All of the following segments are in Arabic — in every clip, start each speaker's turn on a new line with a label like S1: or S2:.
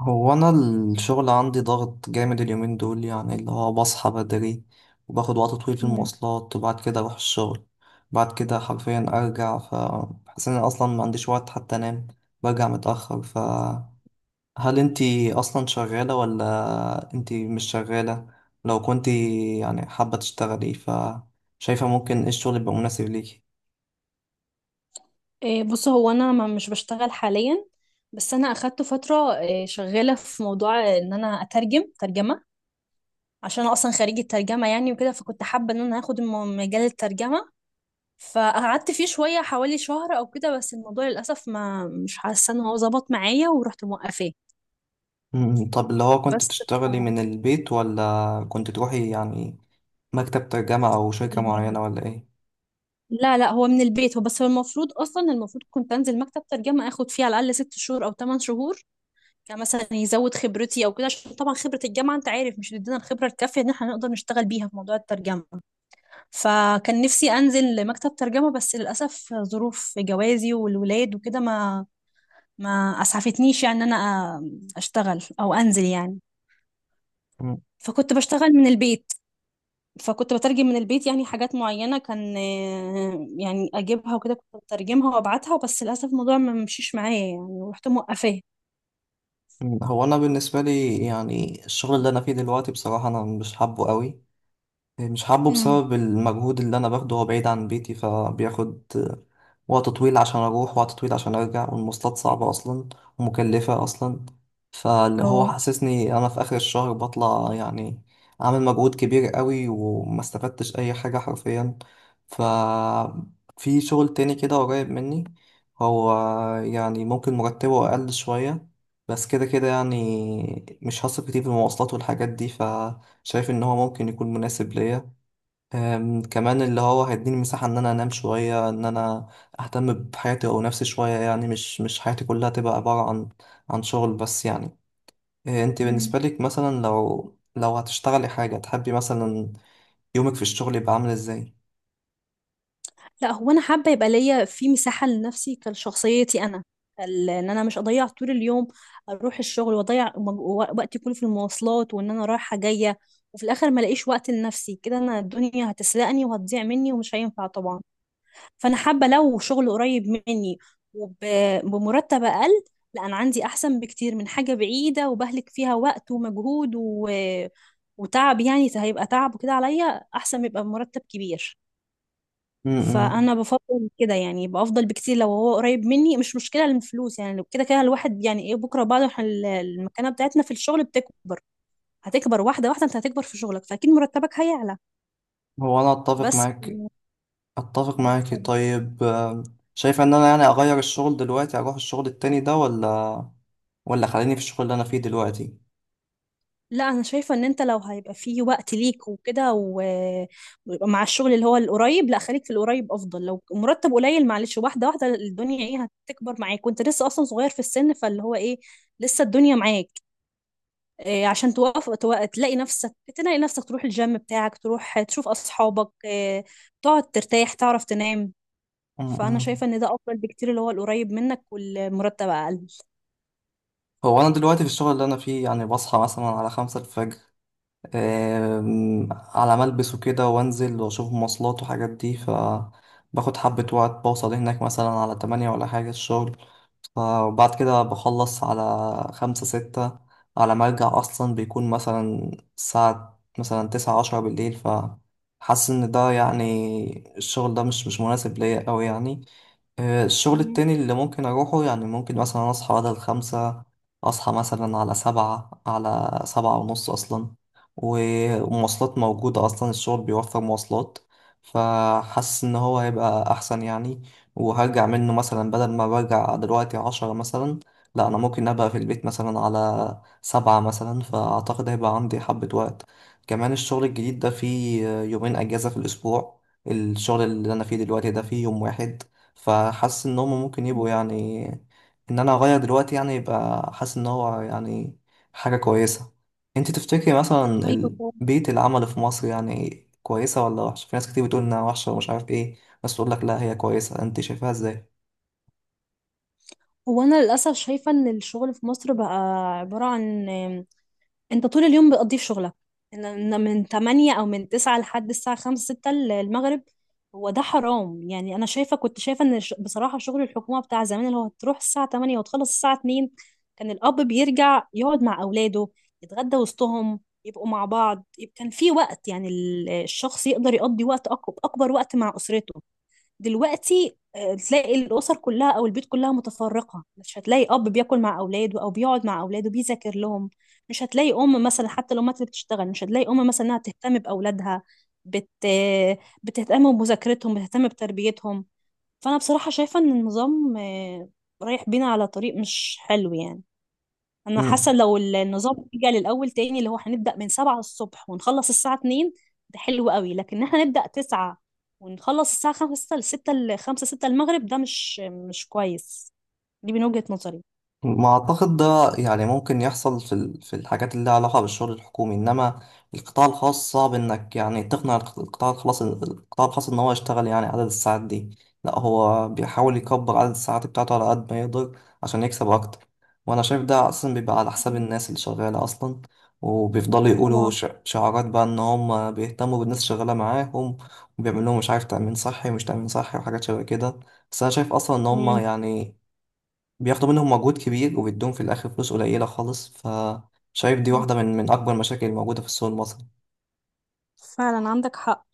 S1: هو انا الشغل عندي ضغط جامد اليومين دول يعني اللي هو بصحى بدري، وباخد وقت طويل في
S2: مم.
S1: المواصلات وبعد كده اروح الشغل. بعد كده حرفيا ارجع فحاسس ان أنا اصلا ما عنديش وقت حتى انام. برجع متاخر، فهل انتي اصلا شغاله ولا انتي مش شغاله؟ لو كنتي يعني حابه تشتغلي، فشايفه ممكن ايه الشغل يبقى مناسب ليكي؟
S2: بص، هو انا مش بشتغل حاليا. بس انا اخدت فتره، شغاله في موضوع ان انا اترجم ترجمه عشان انا اصلا خريجه ترجمه يعني وكده، فكنت حابه ان انا اخد مجال الترجمه. فقعدت فيه شويه حوالي شهر او كده، بس الموضوع للاسف ما مش حاسه ان هو ظبط معايا ورحت موقفاه
S1: مم. طب اللي هو كنت
S2: بس.
S1: بتشتغلي من البيت ولا كنت تروحي يعني مكتب ترجمة أو شركة معينة
S2: اليمين.
S1: ولا إيه؟
S2: لا لا، هو من البيت، هو بس هو المفروض اصلا، المفروض كنت انزل مكتب ترجمه اخد فيه على الاقل 6 شهور او 8 شهور، يعني مثلا يزود خبرتي او كده، عشان طبعا خبرة الجامعة انت عارف مش بتدينا الخبرة الكافية ان احنا نقدر نشتغل بيها في موضوع الترجمة. فكان نفسي انزل لمكتب ترجمة، بس للاسف ظروف جوازي والولاد وكده ما اسعفتنيش، يعني ان انا اشتغل او انزل يعني.
S1: مم.
S2: فكنت بشتغل من البيت، فكنت بترجم من البيت، يعني حاجات معينة كان يعني اجيبها وكده كنت بترجمها وابعتها، بس للاسف الموضوع ما مشيش معايا يعني ورحت موقفاه.
S1: مم. هو أنا بالنسبة لي يعني الشغل اللي أنا فيه دلوقتي بصراحة أنا مش حابه قوي. مش حابه
S2: امم
S1: بسبب المجهود اللي انا باخده، هو بعيد عن بيتي فبياخد وقت طويل عشان اروح، وقت طويل عشان ارجع، والمواصلات صعبة اصلا ومكلفة اصلا. فاللي هو
S2: اه.
S1: حسسني انا في اخر الشهر بطلع يعني عامل مجهود كبير قوي وما استفدتش اي حاجة حرفيا. ف في شغل تاني كده قريب مني، هو يعني ممكن مرتبه اقل شوية، بس كده كده يعني مش هصرف كتير في المواصلات والحاجات دي. شايف ان هو ممكن يكون مناسب ليا. كمان اللي هو هيديني مساحة ان انا انام شوية، ان انا اهتم بحياتي او نفسي شوية، يعني مش حياتي كلها تبقى عبارة عن عن شغل بس يعني. انت بالنسبة لك مثلا لو هتشتغلي حاجة تحبي مثلا، يومك في الشغل يبقى عامل ازاي؟
S2: لا، هو انا حابه يبقى ليا في مساحه لنفسي كشخصيتي انا، ان انا مش اضيع طول اليوم اروح الشغل واضيع وقتي كله في المواصلات، وان انا رايحه جايه وفي الاخر ما الاقيش وقت لنفسي. كده انا الدنيا هتسرقني وهتضيع مني ومش هينفع طبعا. فانا حابه لو شغل قريب مني وبمرتب اقل، لا انا عندي احسن بكتير من حاجه بعيده وبهلك فيها وقت ومجهود وتعب، يعني هيبقى تعب وكده عليا. احسن يبقى بمرتب كبير.
S1: امم
S2: فانا بفضل كده يعني، يبقى افضل بكتير لو هو قريب مني، مش مشكله الفلوس، يعني لو كده كده الواحد يعني ايه، بكره بعد ما احنا المكانه بتاعتنا في الشغل بتكبر، هتكبر واحده واحده، انت هتكبر في شغلك فاكيد مرتبك هيعلى.
S1: هو انا اتفق
S2: بس
S1: معاك، اتفق معاكي.
S2: اتفضل.
S1: طيب شايفة ان انا يعني اغير الشغل دلوقتي اروح الشغل التاني ده، ولا خليني في الشغل اللي انا فيه دلوقتي؟
S2: لا انا شايفه ان انت لو هيبقى فيه وقت ليك وكده ويبقى مع الشغل اللي هو القريب، لا خليك في القريب افضل، لو مرتب قليل معلش، واحده واحده الدنيا ايه هتكبر معاك، وانت لسه اصلا صغير في السن، فاللي هو ايه، لسه الدنيا معاك. عشان توقف، تلاقي نفسك، تلاقي نفسك تروح الجيم بتاعك، تروح تشوف أصحابك، تقعد ترتاح تعرف تنام. فأنا
S1: امم
S2: شايفة إن ده أفضل بكتير، اللي هو القريب منك والمرتب أقل.
S1: هو أنا دلوقتي في الشغل اللي أنا فيه يعني بصحى مثلا على 5 الفجر، على ما ألبس وكده وأنزل وأشوف مواصلات وحاجات دي، فباخد حبة وقت، بوصل هناك مثلا على 8 ولا حاجة الشغل. فبعد كده بخلص على 5 6، على ما أرجع أصلا بيكون مثلا الساعة مثلا 9 10 بالليل. فحاسس إن ده يعني الشغل ده مش مناسب ليا أوي يعني. الشغل
S2: مم.
S1: التاني اللي ممكن أروحه يعني ممكن مثلا أصحى بدل 5، أصحى مثلا على 7، على 7 ونص أصلا. و- والمواصلات موجودة أصلا، الشغل بيوفر مواصلات، فحاسس إن هو هيبقى أحسن يعني. وهرجع منه مثلا بدل ما برجع دلوقتي 10 مثلا، لا أنا ممكن أبقى في البيت مثلا على 7 مثلا، فأعتقد هيبقى عندي حبة وقت. كمان الشغل الجديد ده فيه يومين أجازة في الأسبوع، الشغل اللي أنا فيه دلوقتي ده فيه يوم واحد. فحاسس ان هم ممكن يبقوا يعني، ان انا اغير دلوقتي يعني يبقى، حاسس ان هو يعني حاجة كويسة. انت تفتكري مثلا
S2: أيوة طبعاً.
S1: بيئة العمل في مصر يعني كويسة ولا وحشة؟ في ناس كتير بتقول انها وحشة ومش عارف ايه، بس تقول لك لا هي كويسة، انت شايفاها ازاي؟
S2: هو أنا للأسف شايفة إن الشغل في مصر بقى عبارة عن، انت طول اليوم بتقضيه في شغلك، ان إن من 8 او من 9 لحد الساعة 5 6 المغرب. هو ده حرام يعني. انا شايفة، كنت شايفة ان بصراحة شغل الحكومة بتاع زمان اللي هو تروح الساعة 8 وتخلص الساعة 2، كان الاب بيرجع يقعد مع اولاده، يتغدى وسطهم يبقوا مع بعض، يبقى كان في وقت، يعني ال- الشخص يقدر يقضي وقت اكبر وقت مع اسرته. دلوقتي تلاقي الأسر كلها أو البيوت كلها متفرقة، مش هتلاقي أب بياكل مع أولاده أو بيقعد مع أولاده بيذاكر لهم، مش هتلاقي أم مثلا، حتى الأمهات اللي بتشتغل مش هتلاقي أم مثلا إنها تهتم بأولادها، بت... بتهتم بمذاكرتهم بتهتم بتربيتهم. فأنا بصراحة شايفة إن النظام رايح بينا على طريق مش حلو يعني. انا حاسه لو النظام رجع للاول تاني، اللي هو هنبدا من 7 الصبح ونخلص الساعه 2، ده حلو قوي. لكن احنا نبدا 9 ونخلص الساعه 5 ل 6 ل 5 6 المغرب، ده مش كويس. دي من وجهه نظري.
S1: ما أعتقد ده يعني ممكن يحصل في في الحاجات اللي لها علاقة بالشغل الحكومي، إنما القطاع الخاص صعب إنك يعني تقنع القطاع الخاص، القطاع الخاص إن هو يشتغل يعني عدد الساعات دي. لا هو بيحاول يكبر عدد الساعات بتاعته على قد ما يقدر عشان يكسب أكتر. وأنا شايف ده أصلا بيبقى على حساب
S2: مم.
S1: الناس اللي شغالة أصلا، وبيفضلوا يقولوا
S2: طبعا.
S1: شعارات بقى إن هم بيهتموا بالناس اللي شغالة معاهم، وبيعملوا لهم مش عارف تأمين صحي ومش تأمين صحي وحاجات شبه كده. بس أنا شايف أصلا إن هم
S2: مم.
S1: يعني بياخدوا منهم مجهود كبير وبيدوهم في الآخر فلوس قليلة خالص، فشايف دي واحدة من أكبر المشاكل الموجودة في السوق المصري.
S2: فعلا عندك حق.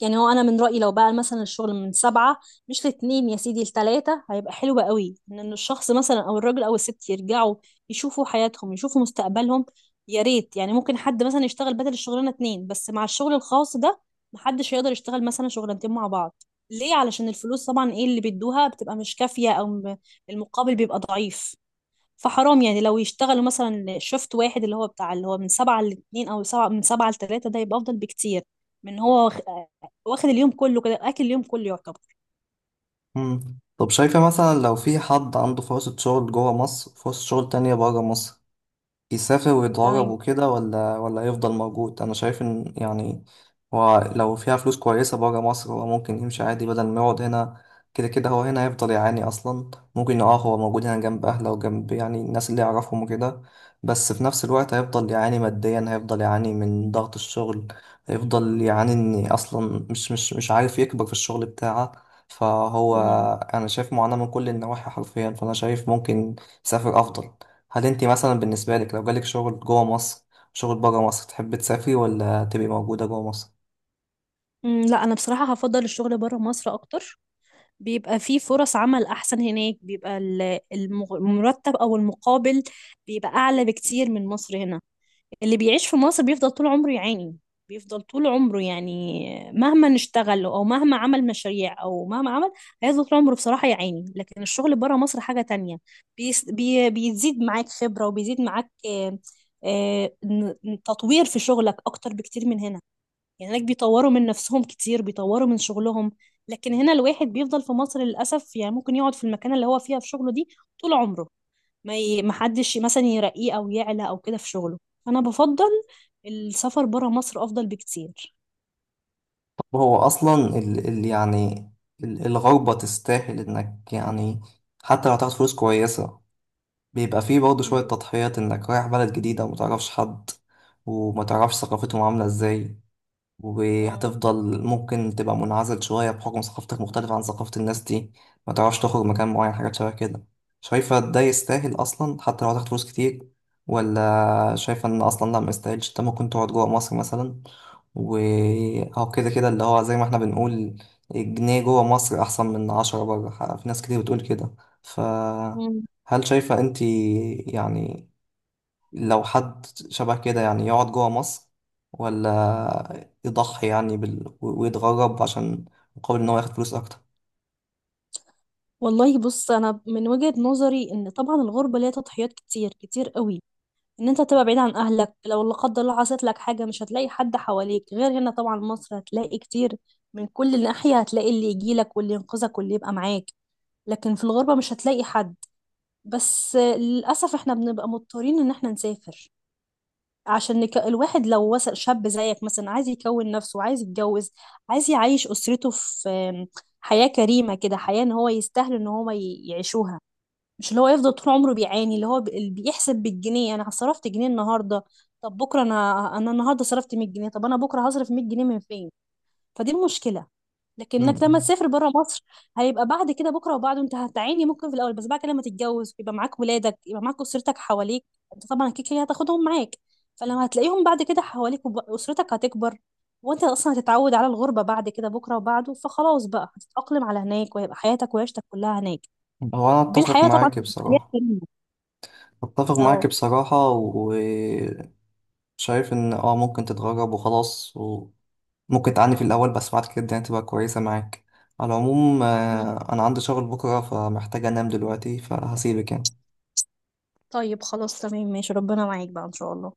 S2: يعني هو انا من رايي لو بقى مثلا الشغل من سبعة، مش لاتنين يا سيدي لتلاتة، هيبقى حلو قوي ان إن الشخص مثلا او الراجل او الست يرجعوا يشوفوا حياتهم يشوفوا مستقبلهم. يا ريت يعني، ممكن حد مثلا يشتغل بدل الشغلانه اتنين، بس مع الشغل الخاص ده محدش يقدر يشتغل مثلا شغلانتين مع بعض، ليه؟ علشان الفلوس طبعا، ايه اللي بيدوها بتبقى مش كافيه، او المقابل بيبقى ضعيف. فحرام يعني لو يشتغلوا مثلا، شفت واحد اللي هو بتاع اللي هو من سبعة لاتنين، أو سبعة، من سبعة لتلاتة، ده يبقى أفضل بكتير من هو واخد اليوم كله كده، أكل اليوم كله يعتبر.
S1: مم. طب شايفة مثلا لو في حد عنده فرصة شغل جوه مصر وفرصة شغل تانية بره مصر، يسافر ويتغرب
S2: تمام.
S1: وكده، ولا يفضل موجود؟ انا شايف ان يعني هو لو فيها فلوس كويسه بره مصر هو ممكن يمشي عادي بدل ما يقعد هنا. كده كده هو هنا هيفضل يعاني اصلا. ممكن اه هو موجود هنا جنب اهله وجنب يعني الناس اللي يعرفهم وكده، بس في نفس الوقت هيفضل يعاني ماديا، هيفضل يعاني من ضغط الشغل، هيفضل يعاني ان اصلا مش عارف يكبر في الشغل بتاعه. فهو
S2: مم.
S1: انا شايف معاناه من كل النواحي حرفيا، فانا شايف ممكن يسافر افضل. هل انت مثلا بالنسبة لك لو جالك شغل جوه مصر، شغل بره مصر، تحب تسافري ولا تبقي موجودة جوه مصر؟
S2: مم، لا أنا بصراحة هفضل الشغل بره مصر أكتر، بيبقى فيه فرص عمل أحسن هناك، بيبقى المرتب أو المقابل بيبقى أعلى بكتير من مصر هنا. اللي بيعيش في مصر بيفضل طول عمره يعاني، بيفضل طول عمره يعني، مهما نشتغل او مهما عمل مشاريع او مهما عمل هيفضل طول عمره بصراحة يعاني. لكن الشغل بره مصر حاجة تانية، بيس بي بيزيد معاك خبرة، وبيزيد معاك تطوير في شغلك اكتر بكتير من هنا. يعني هناك بيطوروا من نفسهم كتير بيطوروا من شغلهم. لكن هنا الواحد بيفضل في مصر للأسف، يعني ممكن يقعد في المكان اللي هو فيها في شغله دي طول عمره، ما حدش مثلا يرقيه او يعلى او كده في شغله. انا بفضل السفر برا مصر افضل بكتير.
S1: طب هو أصلا ال يعني ال الغربة تستاهل إنك يعني، حتى لو هتاخد فلوس كويسة، بيبقى فيه برضه شوية تضحيات، إنك رايح بلد جديدة ومتعرفش حد، ومتعرفش ثقافتهم عاملة إزاي،
S2: مم.
S1: وهتفضل ممكن تبقى منعزل شوية بحكم ثقافتك مختلفة عن ثقافة الناس دي، ما تعرفش تخرج مكان معين، حاجات شبه كده. شايفة ده يستاهل أصلا حتى لو هتاخد فلوس كتير، ولا شايفة إن أصلا لا ما يستاهلش، أنت ممكن تقعد جوه مصر مثلا، وهو كده كده اللي هو زي ما احنا بنقول، جنيه جوه مصر أحسن من 10 بره، في ناس كتير بتقول كده.
S2: مم.
S1: فهل شايفة أنت يعني لو حد شبه كده يعني يقعد جوه مصر، ولا يضحي يعني بال... ويتغرب عشان مقابل ان هو ياخد فلوس اكتر؟
S2: والله بص، انا من وجهة نظري ان طبعا الغربة ليها تضحيات كتير كتير قوي، ان انت تبقى بعيد عن اهلك، لو لا قدر الله حصلت لك حاجة مش هتلاقي حد حواليك، غير هنا طبعا مصر هتلاقي كتير، من كل ناحية هتلاقي اللي يجيلك واللي ينقذك واللي يبقى معاك. لكن في الغربة مش هتلاقي حد. بس للأسف احنا بنبقى مضطرين ان احنا نسافر، عشان الواحد لو وصل شاب زيك مثلا، عايز يكون نفسه، عايز يتجوز، عايز يعيش أسرته في حياة كريمة كده، حياة ان هو يستاهل ان هو يعيشوها، مش اللي هو يفضل طول عمره بيعاني، اللي هو اللي بيحسب بالجنيه، انا صرفت جنيه النهارده، طب بكره انا النهارده صرفت 100 جنيه، طب انا بكره هصرف 100 جنيه من فين؟ فدي المشكله. لكنك لما
S1: مم.
S2: تسافر بره مصر هيبقى بعد كده بكره وبعده، انت هتعاني ممكن في الاول، بس بعد كده لما تتجوز يبقى معاك ولادك، يبقى معاك اسرتك حواليك، انت طبعا اكيد كده هتاخدهم معاك. فلما هتلاقيهم بعد كده حواليك واسرتك هتكبر، وانت اصلا هتتعود على الغربه بعد كده بكره وبعده، فخلاص بقى هتتاقلم على هناك وهيبقى حياتك وعيشتك كلها هناك.
S1: هو انا
S2: دي
S1: اتفق
S2: الحياه طبعا
S1: معاك
S2: تبقى حياه
S1: بصراحة،
S2: كريمه.
S1: اتفق معاك
S2: اه.
S1: بصراحة، وشايف ان اه ممكن تتغرب وخلاص، وممكن تعاني في الاول بس بعد كده يعني تبقى كويسة معاك. على العموم،
S2: مم.
S1: انا عندي شغل بكرة فمحتاج انام دلوقتي فهسيبك يعني.
S2: طيب خلاص تمام ماشي، ربنا معاك بقى ان شاء الله.